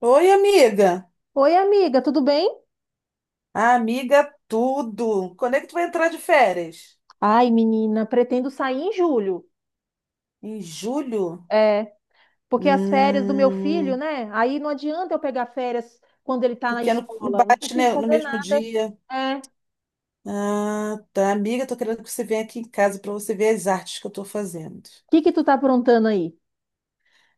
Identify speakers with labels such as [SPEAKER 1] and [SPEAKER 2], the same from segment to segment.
[SPEAKER 1] Oi, amiga.
[SPEAKER 2] Oi, amiga, tudo bem?
[SPEAKER 1] Ah, amiga, tudo. Quando é que tu vai entrar de férias?
[SPEAKER 2] Ai, menina, pretendo sair em julho.
[SPEAKER 1] Em julho?
[SPEAKER 2] É, porque as férias do meu filho,
[SPEAKER 1] Hum,
[SPEAKER 2] né? Aí não adianta eu pegar férias quando ele tá na
[SPEAKER 1] porque não
[SPEAKER 2] escola, não
[SPEAKER 1] bate,
[SPEAKER 2] consigo
[SPEAKER 1] né, no
[SPEAKER 2] fazer
[SPEAKER 1] mesmo
[SPEAKER 2] nada.
[SPEAKER 1] dia.
[SPEAKER 2] É. O
[SPEAKER 1] Ah, tá. Amiga, tô querendo que você venha aqui em casa para você ver as artes que eu tô fazendo.
[SPEAKER 2] que que tu tá aprontando aí?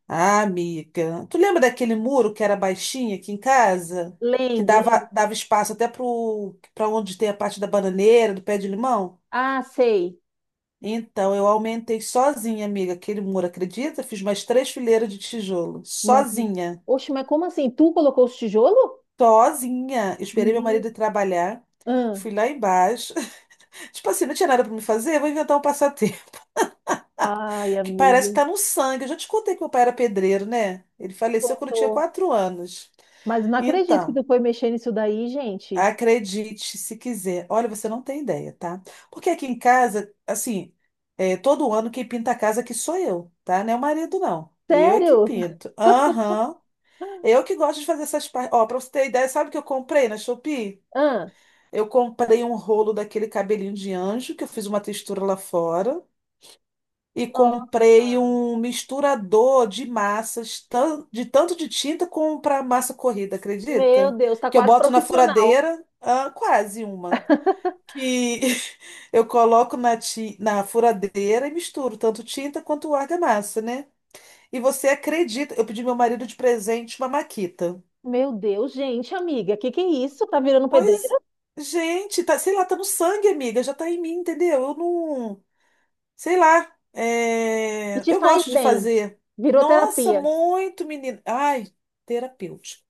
[SPEAKER 1] Ah, amiga. Tu lembra daquele muro que era baixinho aqui em casa? Que
[SPEAKER 2] Lembro, lembro.
[SPEAKER 1] dava espaço até para onde tem a parte da bananeira, do pé de limão?
[SPEAKER 2] Ah, sei.
[SPEAKER 1] Então, eu aumentei sozinha, amiga, aquele muro, acredita? Fiz mais três fileiras de tijolo,
[SPEAKER 2] Não acredito.
[SPEAKER 1] sozinha,
[SPEAKER 2] Oxe, mas como assim? Tu colocou os tijolos?
[SPEAKER 1] sozinha. Eu esperei meu marido
[SPEAKER 2] Ni-
[SPEAKER 1] ir trabalhar,
[SPEAKER 2] Hã.
[SPEAKER 1] fui lá embaixo. Tipo assim, não tinha nada para me fazer, vou inventar um passatempo,
[SPEAKER 2] Ai,
[SPEAKER 1] que
[SPEAKER 2] amiga,
[SPEAKER 1] parece que tá no sangue. Eu já te contei que meu pai era pedreiro, né? Ele faleceu quando eu tinha
[SPEAKER 2] contou.
[SPEAKER 1] 4 anos.
[SPEAKER 2] Mas não acredito que
[SPEAKER 1] Então.
[SPEAKER 2] tu foi mexer nisso daí, gente.
[SPEAKER 1] Acredite, se quiser. Olha, você não tem ideia, tá? Porque aqui em casa, assim, todo ano quem pinta a casa aqui sou eu, tá? Não é o marido, não. Eu é que
[SPEAKER 2] Sério?
[SPEAKER 1] pinto. Aham. Eu que gosto de fazer essas partes. Ó, pra você ter ideia, sabe o que eu comprei na Shopee?
[SPEAKER 2] Ah,
[SPEAKER 1] Eu comprei um rolo daquele cabelinho de anjo, que eu fiz uma textura lá fora. E comprei
[SPEAKER 2] nossa.
[SPEAKER 1] um misturador de massas, de tanto de tinta como para massa corrida,
[SPEAKER 2] Meu
[SPEAKER 1] acredita?
[SPEAKER 2] Deus, tá
[SPEAKER 1] Que eu
[SPEAKER 2] quase
[SPEAKER 1] boto na
[SPEAKER 2] profissional.
[SPEAKER 1] furadeira, quase uma que eu coloco na furadeira e misturo tanto tinta quanto argamassa, né? E você acredita? Eu pedi meu marido de presente uma maquita.
[SPEAKER 2] Meu Deus, gente, amiga, que é isso? Tá virando
[SPEAKER 1] Pois,
[SPEAKER 2] pedreira?
[SPEAKER 1] gente, tá, sei lá, tá no sangue, amiga, já tá em mim, entendeu? Eu não, sei lá,
[SPEAKER 2] E te
[SPEAKER 1] eu
[SPEAKER 2] faz
[SPEAKER 1] gosto de
[SPEAKER 2] bem.
[SPEAKER 1] fazer.
[SPEAKER 2] Virou
[SPEAKER 1] Nossa,
[SPEAKER 2] terapia.
[SPEAKER 1] muito menina. Ai, terapêutico.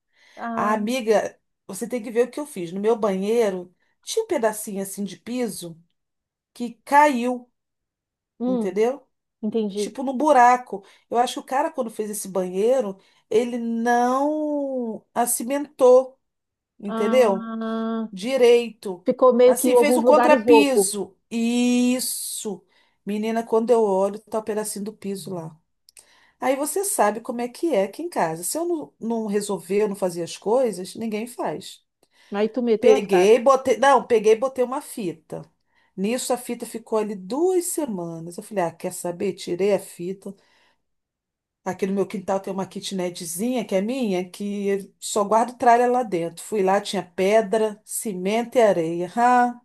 [SPEAKER 1] A
[SPEAKER 2] Ah,
[SPEAKER 1] amiga, você tem que ver o que eu fiz. No meu banheiro, tinha um pedacinho assim de piso que caiu,
[SPEAKER 2] hum,
[SPEAKER 1] entendeu?
[SPEAKER 2] entendi.
[SPEAKER 1] Tipo, no buraco. Eu acho que o cara, quando fez esse banheiro, ele não acimentou, entendeu?
[SPEAKER 2] Ah,
[SPEAKER 1] Direito.
[SPEAKER 2] ficou meio que em
[SPEAKER 1] Assim, fez
[SPEAKER 2] alguns
[SPEAKER 1] um
[SPEAKER 2] lugares louco.
[SPEAKER 1] contrapiso. Isso. Menina, quando eu olho, tá o pedacinho do piso lá. Aí você sabe como é que é aqui em casa. Se eu não resolver, eu não fazer as coisas, ninguém faz.
[SPEAKER 2] Aí tu meteu as caras.
[SPEAKER 1] Peguei, botei. Não, peguei e botei uma fita. Nisso a fita ficou ali 2 semanas. Eu falei, ah, quer saber? Tirei a fita. Tá. Aqui no meu quintal tem uma kitnetzinha que é minha, que eu só guardo tralha lá dentro. Fui lá, tinha pedra, cimento e areia. Ah,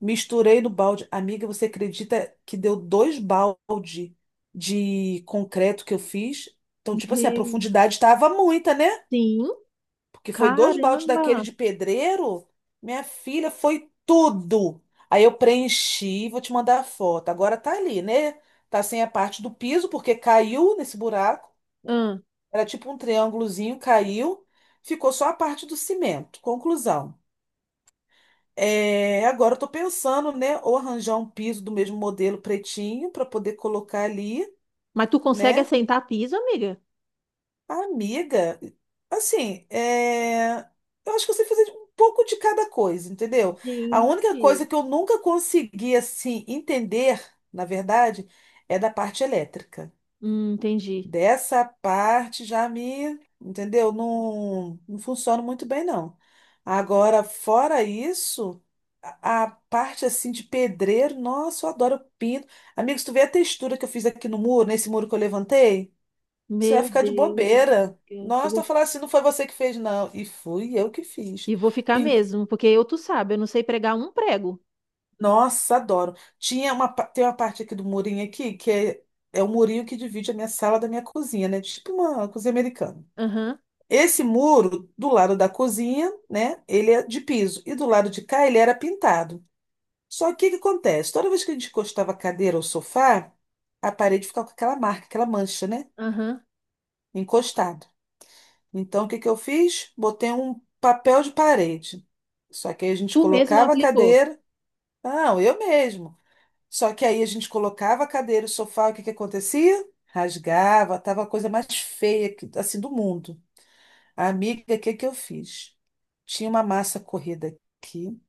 [SPEAKER 1] misturei no balde. Amiga, você acredita que deu 2 balde de concreto que eu fiz? Então, tipo assim, a
[SPEAKER 2] Meu,
[SPEAKER 1] profundidade estava muita, né?
[SPEAKER 2] sim,
[SPEAKER 1] Porque foi 2 baldes daquele
[SPEAKER 2] caramba.
[SPEAKER 1] de pedreiro. Minha filha, foi tudo. Aí eu preenchi, vou te mandar a foto. Agora tá ali, né? Tá sem a parte do piso, porque caiu nesse buraco.
[SPEAKER 2] Ah,
[SPEAKER 1] Era tipo um triângulozinho, caiu, ficou só a parte do cimento. Conclusão. É, agora eu tô pensando, né, ou arranjar um piso do mesmo modelo pretinho para poder colocar ali,
[SPEAKER 2] mas tu consegue
[SPEAKER 1] né?
[SPEAKER 2] assentar piso, amiga?
[SPEAKER 1] Amiga, assim, é, eu acho que eu sei fazer um pouco de cada coisa, entendeu? A única
[SPEAKER 2] Gente.
[SPEAKER 1] coisa que eu nunca consegui, assim, entender, na verdade, é da parte elétrica.
[SPEAKER 2] Entendi.
[SPEAKER 1] Dessa parte já me, entendeu? Não funciona muito bem, não. Agora, fora isso, a parte assim de pedreiro, nossa, eu adoro eu pinto. Amigos, tu vê a textura que eu fiz aqui no muro, nesse muro que eu levantei? Você vai
[SPEAKER 2] Meu
[SPEAKER 1] ficar de
[SPEAKER 2] Deus,
[SPEAKER 1] bobeira.
[SPEAKER 2] amiga. Eu
[SPEAKER 1] Nossa, tô
[SPEAKER 2] vou-
[SPEAKER 1] falando assim, não foi você que fez, não. E fui eu que fiz.
[SPEAKER 2] E vou ficar
[SPEAKER 1] Pin-
[SPEAKER 2] mesmo, porque eu, tu sabe, eu não sei pregar um prego.
[SPEAKER 1] Nossa, adoro. Tinha uma, tem uma parte aqui do murinho aqui, é o murinho que divide a minha sala da minha cozinha, né? Tipo uma cozinha americana.
[SPEAKER 2] Aham.
[SPEAKER 1] Esse muro do lado da cozinha, né, ele é de piso e do lado de cá ele era pintado. Só que o que acontece? Toda vez que a gente encostava a cadeira ou o sofá, a parede ficava com aquela marca, aquela mancha, né,
[SPEAKER 2] Aham.
[SPEAKER 1] encostado. Então o que que eu fiz? Botei um papel de parede. Só que aí a gente
[SPEAKER 2] Tu mesmo
[SPEAKER 1] colocava a
[SPEAKER 2] aplicou.
[SPEAKER 1] cadeira, não, eu mesmo. Só que aí a gente colocava a cadeira, o sofá, o que que acontecia? Rasgava, tava a coisa mais feia assim do mundo. Amiga, o que que eu fiz? Tinha uma massa corrida aqui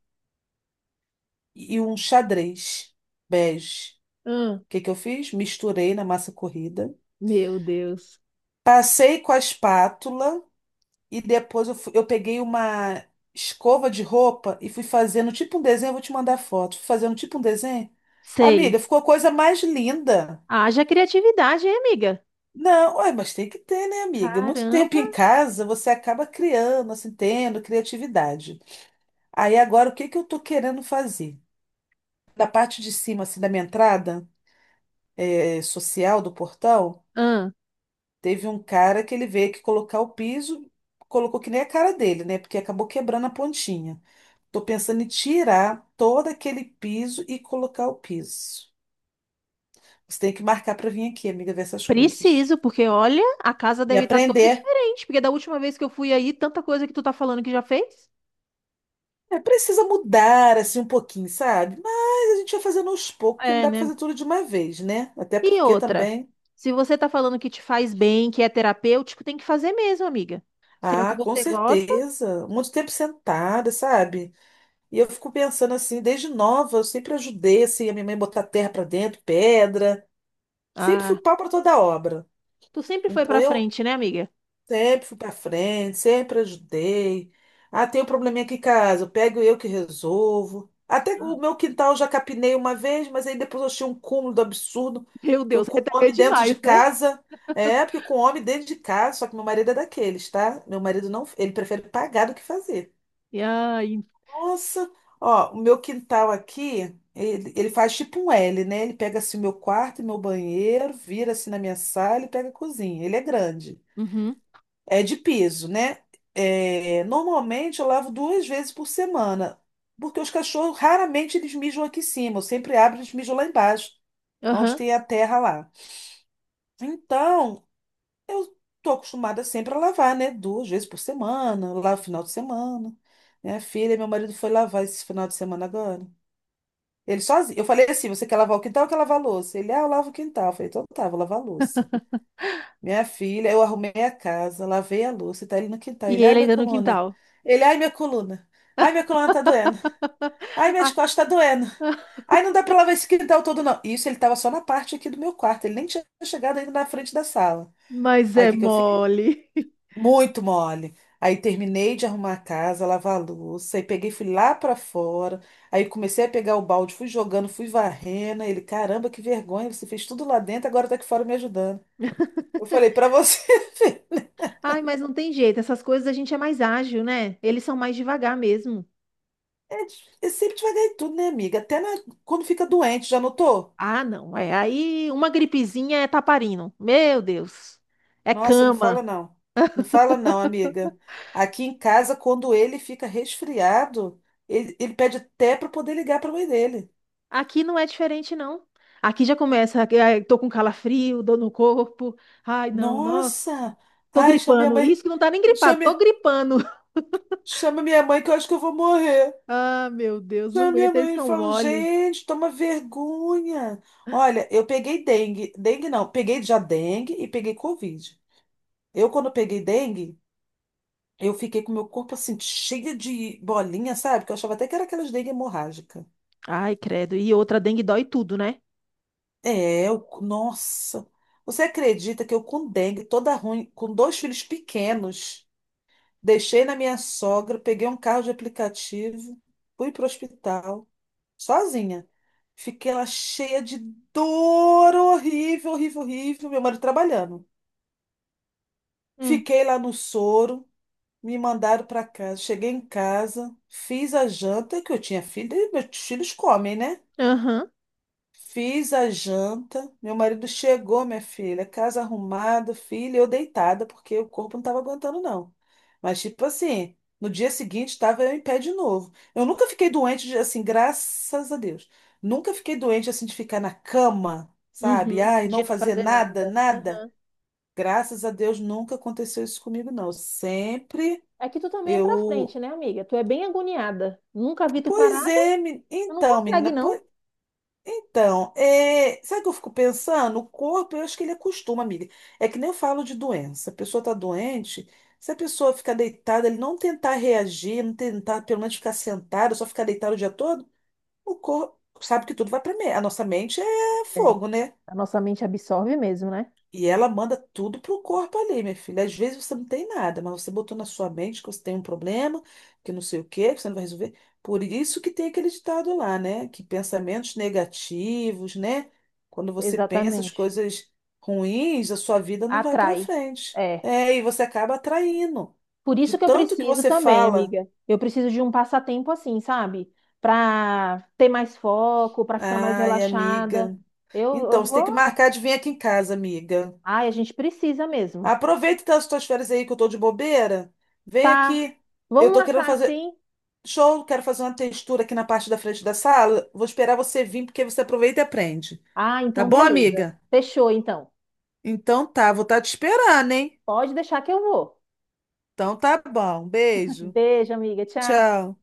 [SPEAKER 1] e um xadrez bege.
[SPEAKER 2] Ah,
[SPEAKER 1] O que que eu fiz? Misturei na massa corrida,
[SPEAKER 2] meu Deus.
[SPEAKER 1] passei com a espátula e depois eu peguei uma escova de roupa e fui fazendo tipo um desenho. Eu vou te mandar foto. Fui fazendo tipo um desenho.
[SPEAKER 2] Sei.
[SPEAKER 1] Amiga, ficou a coisa mais linda.
[SPEAKER 2] Haja criatividade, hein, amiga?
[SPEAKER 1] Não, ué, mas tem que ter, né, amiga? Muito tempo
[SPEAKER 2] Caramba.
[SPEAKER 1] em casa, você acaba criando, assim, tendo criatividade. Aí agora, o que que eu tô querendo fazer? Da parte de cima, assim, da minha entrada social do portão,
[SPEAKER 2] Ah,
[SPEAKER 1] teve um cara que ele veio aqui colocar o piso, colocou que nem a cara dele, né? Porque acabou quebrando a pontinha. Tô pensando em tirar todo aquele piso e colocar o piso. Você tem que marcar para vir aqui, amiga, ver essas coisas.
[SPEAKER 2] preciso, porque olha, a casa
[SPEAKER 1] E
[SPEAKER 2] deve estar toda
[SPEAKER 1] aprender.
[SPEAKER 2] diferente, porque da última vez que eu fui aí, tanta coisa que tu tá falando que já fez.
[SPEAKER 1] É, precisa mudar, assim, um pouquinho, sabe? Mas a gente vai fazendo aos poucos, que não
[SPEAKER 2] É,
[SPEAKER 1] dá para
[SPEAKER 2] né?
[SPEAKER 1] fazer tudo de uma vez, né? Até
[SPEAKER 2] E
[SPEAKER 1] porque
[SPEAKER 2] outra,
[SPEAKER 1] também...
[SPEAKER 2] se você tá falando que te faz bem, que é terapêutico, tem que fazer mesmo, amiga. Se é o que
[SPEAKER 1] Ah, com
[SPEAKER 2] você gosta,
[SPEAKER 1] certeza. Muito tempo sentada, sabe? E eu fico pensando assim, desde nova, eu sempre ajudei assim, a minha mãe botar terra para dentro, pedra, sempre fui
[SPEAKER 2] ah,
[SPEAKER 1] pau para toda obra.
[SPEAKER 2] tu sempre foi
[SPEAKER 1] Então
[SPEAKER 2] pra
[SPEAKER 1] eu
[SPEAKER 2] frente, né, amiga?
[SPEAKER 1] sempre fui para frente, sempre ajudei. Ah, tem um probleminha aqui em casa, eu pego eu que resolvo. Até o meu quintal eu já capinei uma vez, mas aí depois eu achei um cúmulo do absurdo
[SPEAKER 2] Meu
[SPEAKER 1] que eu
[SPEAKER 2] Deus,
[SPEAKER 1] com
[SPEAKER 2] aí
[SPEAKER 1] um
[SPEAKER 2] também é
[SPEAKER 1] homem dentro de
[SPEAKER 2] demais, né?
[SPEAKER 1] casa, porque com um homem dentro de casa, só que meu marido é daqueles, tá? Meu marido não, ele prefere pagar do que fazer.
[SPEAKER 2] E aí.
[SPEAKER 1] Nossa, ó, o meu quintal aqui, ele faz tipo um L, né? Ele pega assim o meu quarto e meu banheiro, vira assim na minha sala e pega a cozinha. Ele é grande.
[SPEAKER 2] Uhum,
[SPEAKER 1] É de piso, né? É, normalmente eu lavo 2 vezes por semana, porque os cachorros raramente eles mijam aqui em cima. Eu sempre abro e eles mijam lá embaixo, onde
[SPEAKER 2] aham.
[SPEAKER 1] tem a terra lá. Então, eu tô acostumada sempre a lavar, né? Duas vezes por semana, eu lavo final de semana. Minha filha, e meu marido foi lavar esse final de semana agora. Ele sozinho. Eu falei assim: você quer lavar o quintal ou quer lavar a louça? Ele, ah, eu lavo o quintal. Eu falei, então tá, vou lavar a louça. Minha filha, eu arrumei a casa, lavei a louça, e tá ele no quintal.
[SPEAKER 2] E
[SPEAKER 1] Ele, ai,
[SPEAKER 2] ele
[SPEAKER 1] minha
[SPEAKER 2] ainda no
[SPEAKER 1] coluna.
[SPEAKER 2] quintal.
[SPEAKER 1] Ele, ai, minha coluna. Ai, minha coluna tá doendo. Ai, minhas costas tá doendo. Ai, não dá pra lavar esse quintal todo, não. Isso ele tava só na parte aqui do meu quarto. Ele nem tinha chegado ainda na frente da sala.
[SPEAKER 2] Mas
[SPEAKER 1] Aí o
[SPEAKER 2] é
[SPEAKER 1] que que eu fiz?
[SPEAKER 2] mole.
[SPEAKER 1] Muito mole. Aí terminei de arrumar a casa, lavar a louça, aí peguei, fui lá pra fora, aí comecei a pegar o balde, fui jogando, fui varrendo. Aí ele, caramba, que vergonha, você fez tudo lá dentro, agora tá aqui fora me ajudando. Eu falei, pra você, ver,
[SPEAKER 2] Ai, mas não tem jeito. Essas coisas a gente é mais ágil, né? Eles são mais devagar mesmo.
[SPEAKER 1] é, di- é sempre devagar em tudo, né, amiga? Quando fica doente, já notou?
[SPEAKER 2] Ah, não. É aí uma gripezinha é taparino. Meu Deus. É
[SPEAKER 1] Nossa, não fala
[SPEAKER 2] cama.
[SPEAKER 1] não. Não fala não, amiga. Aqui em casa, quando ele fica resfriado, ele pede até pra poder ligar pra mãe dele.
[SPEAKER 2] Aqui não é diferente, não. Aqui já começa. Ai, tô com calafrio, dor no corpo. Ai, não, nossa.
[SPEAKER 1] Nossa!
[SPEAKER 2] Tô
[SPEAKER 1] Ai, chama minha
[SPEAKER 2] gripando.
[SPEAKER 1] mãe.
[SPEAKER 2] Isso que não tá nem gripado,
[SPEAKER 1] Chama,
[SPEAKER 2] tô gripando.
[SPEAKER 1] chama minha mãe que eu acho que eu vou morrer.
[SPEAKER 2] Ah, meu Deus, não
[SPEAKER 1] Chama minha
[SPEAKER 2] aguento, eles
[SPEAKER 1] mãe e
[SPEAKER 2] são
[SPEAKER 1] falo,
[SPEAKER 2] mole.
[SPEAKER 1] gente, toma vergonha. Olha, eu peguei dengue. Dengue não, peguei já dengue e peguei Covid. Eu, quando peguei dengue, eu fiquei com meu corpo assim, cheio de bolinha, sabe? Que eu achava até que era aquelas dengue hemorrágica.
[SPEAKER 2] Ai, credo. E outra, dengue dói tudo, né?
[SPEAKER 1] É, eu, nossa. Você acredita que eu com dengue, toda ruim, com 2 filhos pequenos. Deixei na minha sogra, peguei um carro de aplicativo, fui para o hospital, sozinha. Fiquei lá cheia de dor, horrível, horrível, horrível. Meu marido trabalhando.
[SPEAKER 2] Hum.
[SPEAKER 1] Fiquei lá no soro, me mandaram para casa. Cheguei em casa, fiz a janta que eu tinha filho, e meus filhos comem, né?
[SPEAKER 2] Aham.
[SPEAKER 1] Fiz a janta, meu marido chegou, minha filha, casa arrumada, filha, eu deitada, porque o corpo não estava aguentando, não. Mas, tipo assim, no dia seguinte estava eu em pé de novo. Eu nunca fiquei doente, assim, graças a Deus. Nunca fiquei doente, assim, de ficar na cama, sabe?
[SPEAKER 2] Uhum.
[SPEAKER 1] Ai,
[SPEAKER 2] De
[SPEAKER 1] não
[SPEAKER 2] não
[SPEAKER 1] fazer
[SPEAKER 2] fazer
[SPEAKER 1] nada,
[SPEAKER 2] nada.
[SPEAKER 1] nada.
[SPEAKER 2] Aham.
[SPEAKER 1] Graças a Deus nunca aconteceu isso comigo, não. Sempre
[SPEAKER 2] É que tu também é pra
[SPEAKER 1] eu.
[SPEAKER 2] frente, né, amiga? Tu é bem agoniada. Nunca vi tu parada.
[SPEAKER 1] Pois é,
[SPEAKER 2] Tu não
[SPEAKER 1] então,
[SPEAKER 2] consegue,
[SPEAKER 1] menina.
[SPEAKER 2] não.
[SPEAKER 1] Então, é, sabe o que eu fico pensando? O corpo, eu acho que ele acostuma, amiga. É que nem eu falo de doença. A pessoa está doente, se a pessoa ficar deitada, ele não tentar reagir, não tentar pelo menos ficar sentado, só ficar deitado o dia todo, o corpo sabe que tudo vai para a nossa mente é
[SPEAKER 2] É.
[SPEAKER 1] fogo, né?
[SPEAKER 2] A nossa mente absorve mesmo, né?
[SPEAKER 1] E ela manda tudo pro corpo ali, minha filha. Às vezes você não tem nada, mas você botou na sua mente que você tem um problema, que não sei o quê, que você não vai resolver. Por isso que tem aquele ditado lá, né? Que pensamentos negativos, né? Quando você pensa as
[SPEAKER 2] Exatamente.
[SPEAKER 1] coisas ruins, a sua vida não vai para
[SPEAKER 2] Atrai.
[SPEAKER 1] frente.
[SPEAKER 2] É.
[SPEAKER 1] É, e você acaba atraindo.
[SPEAKER 2] Por isso
[SPEAKER 1] De
[SPEAKER 2] que eu
[SPEAKER 1] tanto que
[SPEAKER 2] preciso
[SPEAKER 1] você
[SPEAKER 2] também,
[SPEAKER 1] fala,
[SPEAKER 2] amiga. Eu preciso de um passatempo assim, sabe? Pra ter mais foco, pra ficar mais
[SPEAKER 1] ai,
[SPEAKER 2] relaxada.
[SPEAKER 1] amiga.
[SPEAKER 2] Eu
[SPEAKER 1] Então, você tem que
[SPEAKER 2] vou.
[SPEAKER 1] marcar de vir aqui em casa, amiga.
[SPEAKER 2] Ai, a gente precisa mesmo.
[SPEAKER 1] Aproveita então as tuas férias aí que eu tô de bobeira. Vem
[SPEAKER 2] Tá.
[SPEAKER 1] aqui. Eu
[SPEAKER 2] Vamos
[SPEAKER 1] tô querendo
[SPEAKER 2] marcar
[SPEAKER 1] fazer
[SPEAKER 2] assim.
[SPEAKER 1] show, quero fazer uma textura aqui na parte da frente da sala. Vou esperar você vir porque você aproveita e aprende.
[SPEAKER 2] Ah,
[SPEAKER 1] Tá
[SPEAKER 2] então
[SPEAKER 1] bom,
[SPEAKER 2] beleza.
[SPEAKER 1] amiga?
[SPEAKER 2] Fechou, então.
[SPEAKER 1] Então tá, vou estar te esperando, hein?
[SPEAKER 2] Pode deixar que eu vou.
[SPEAKER 1] Então tá bom. Beijo.
[SPEAKER 2] Beijo, amiga. Tchau.
[SPEAKER 1] Tchau.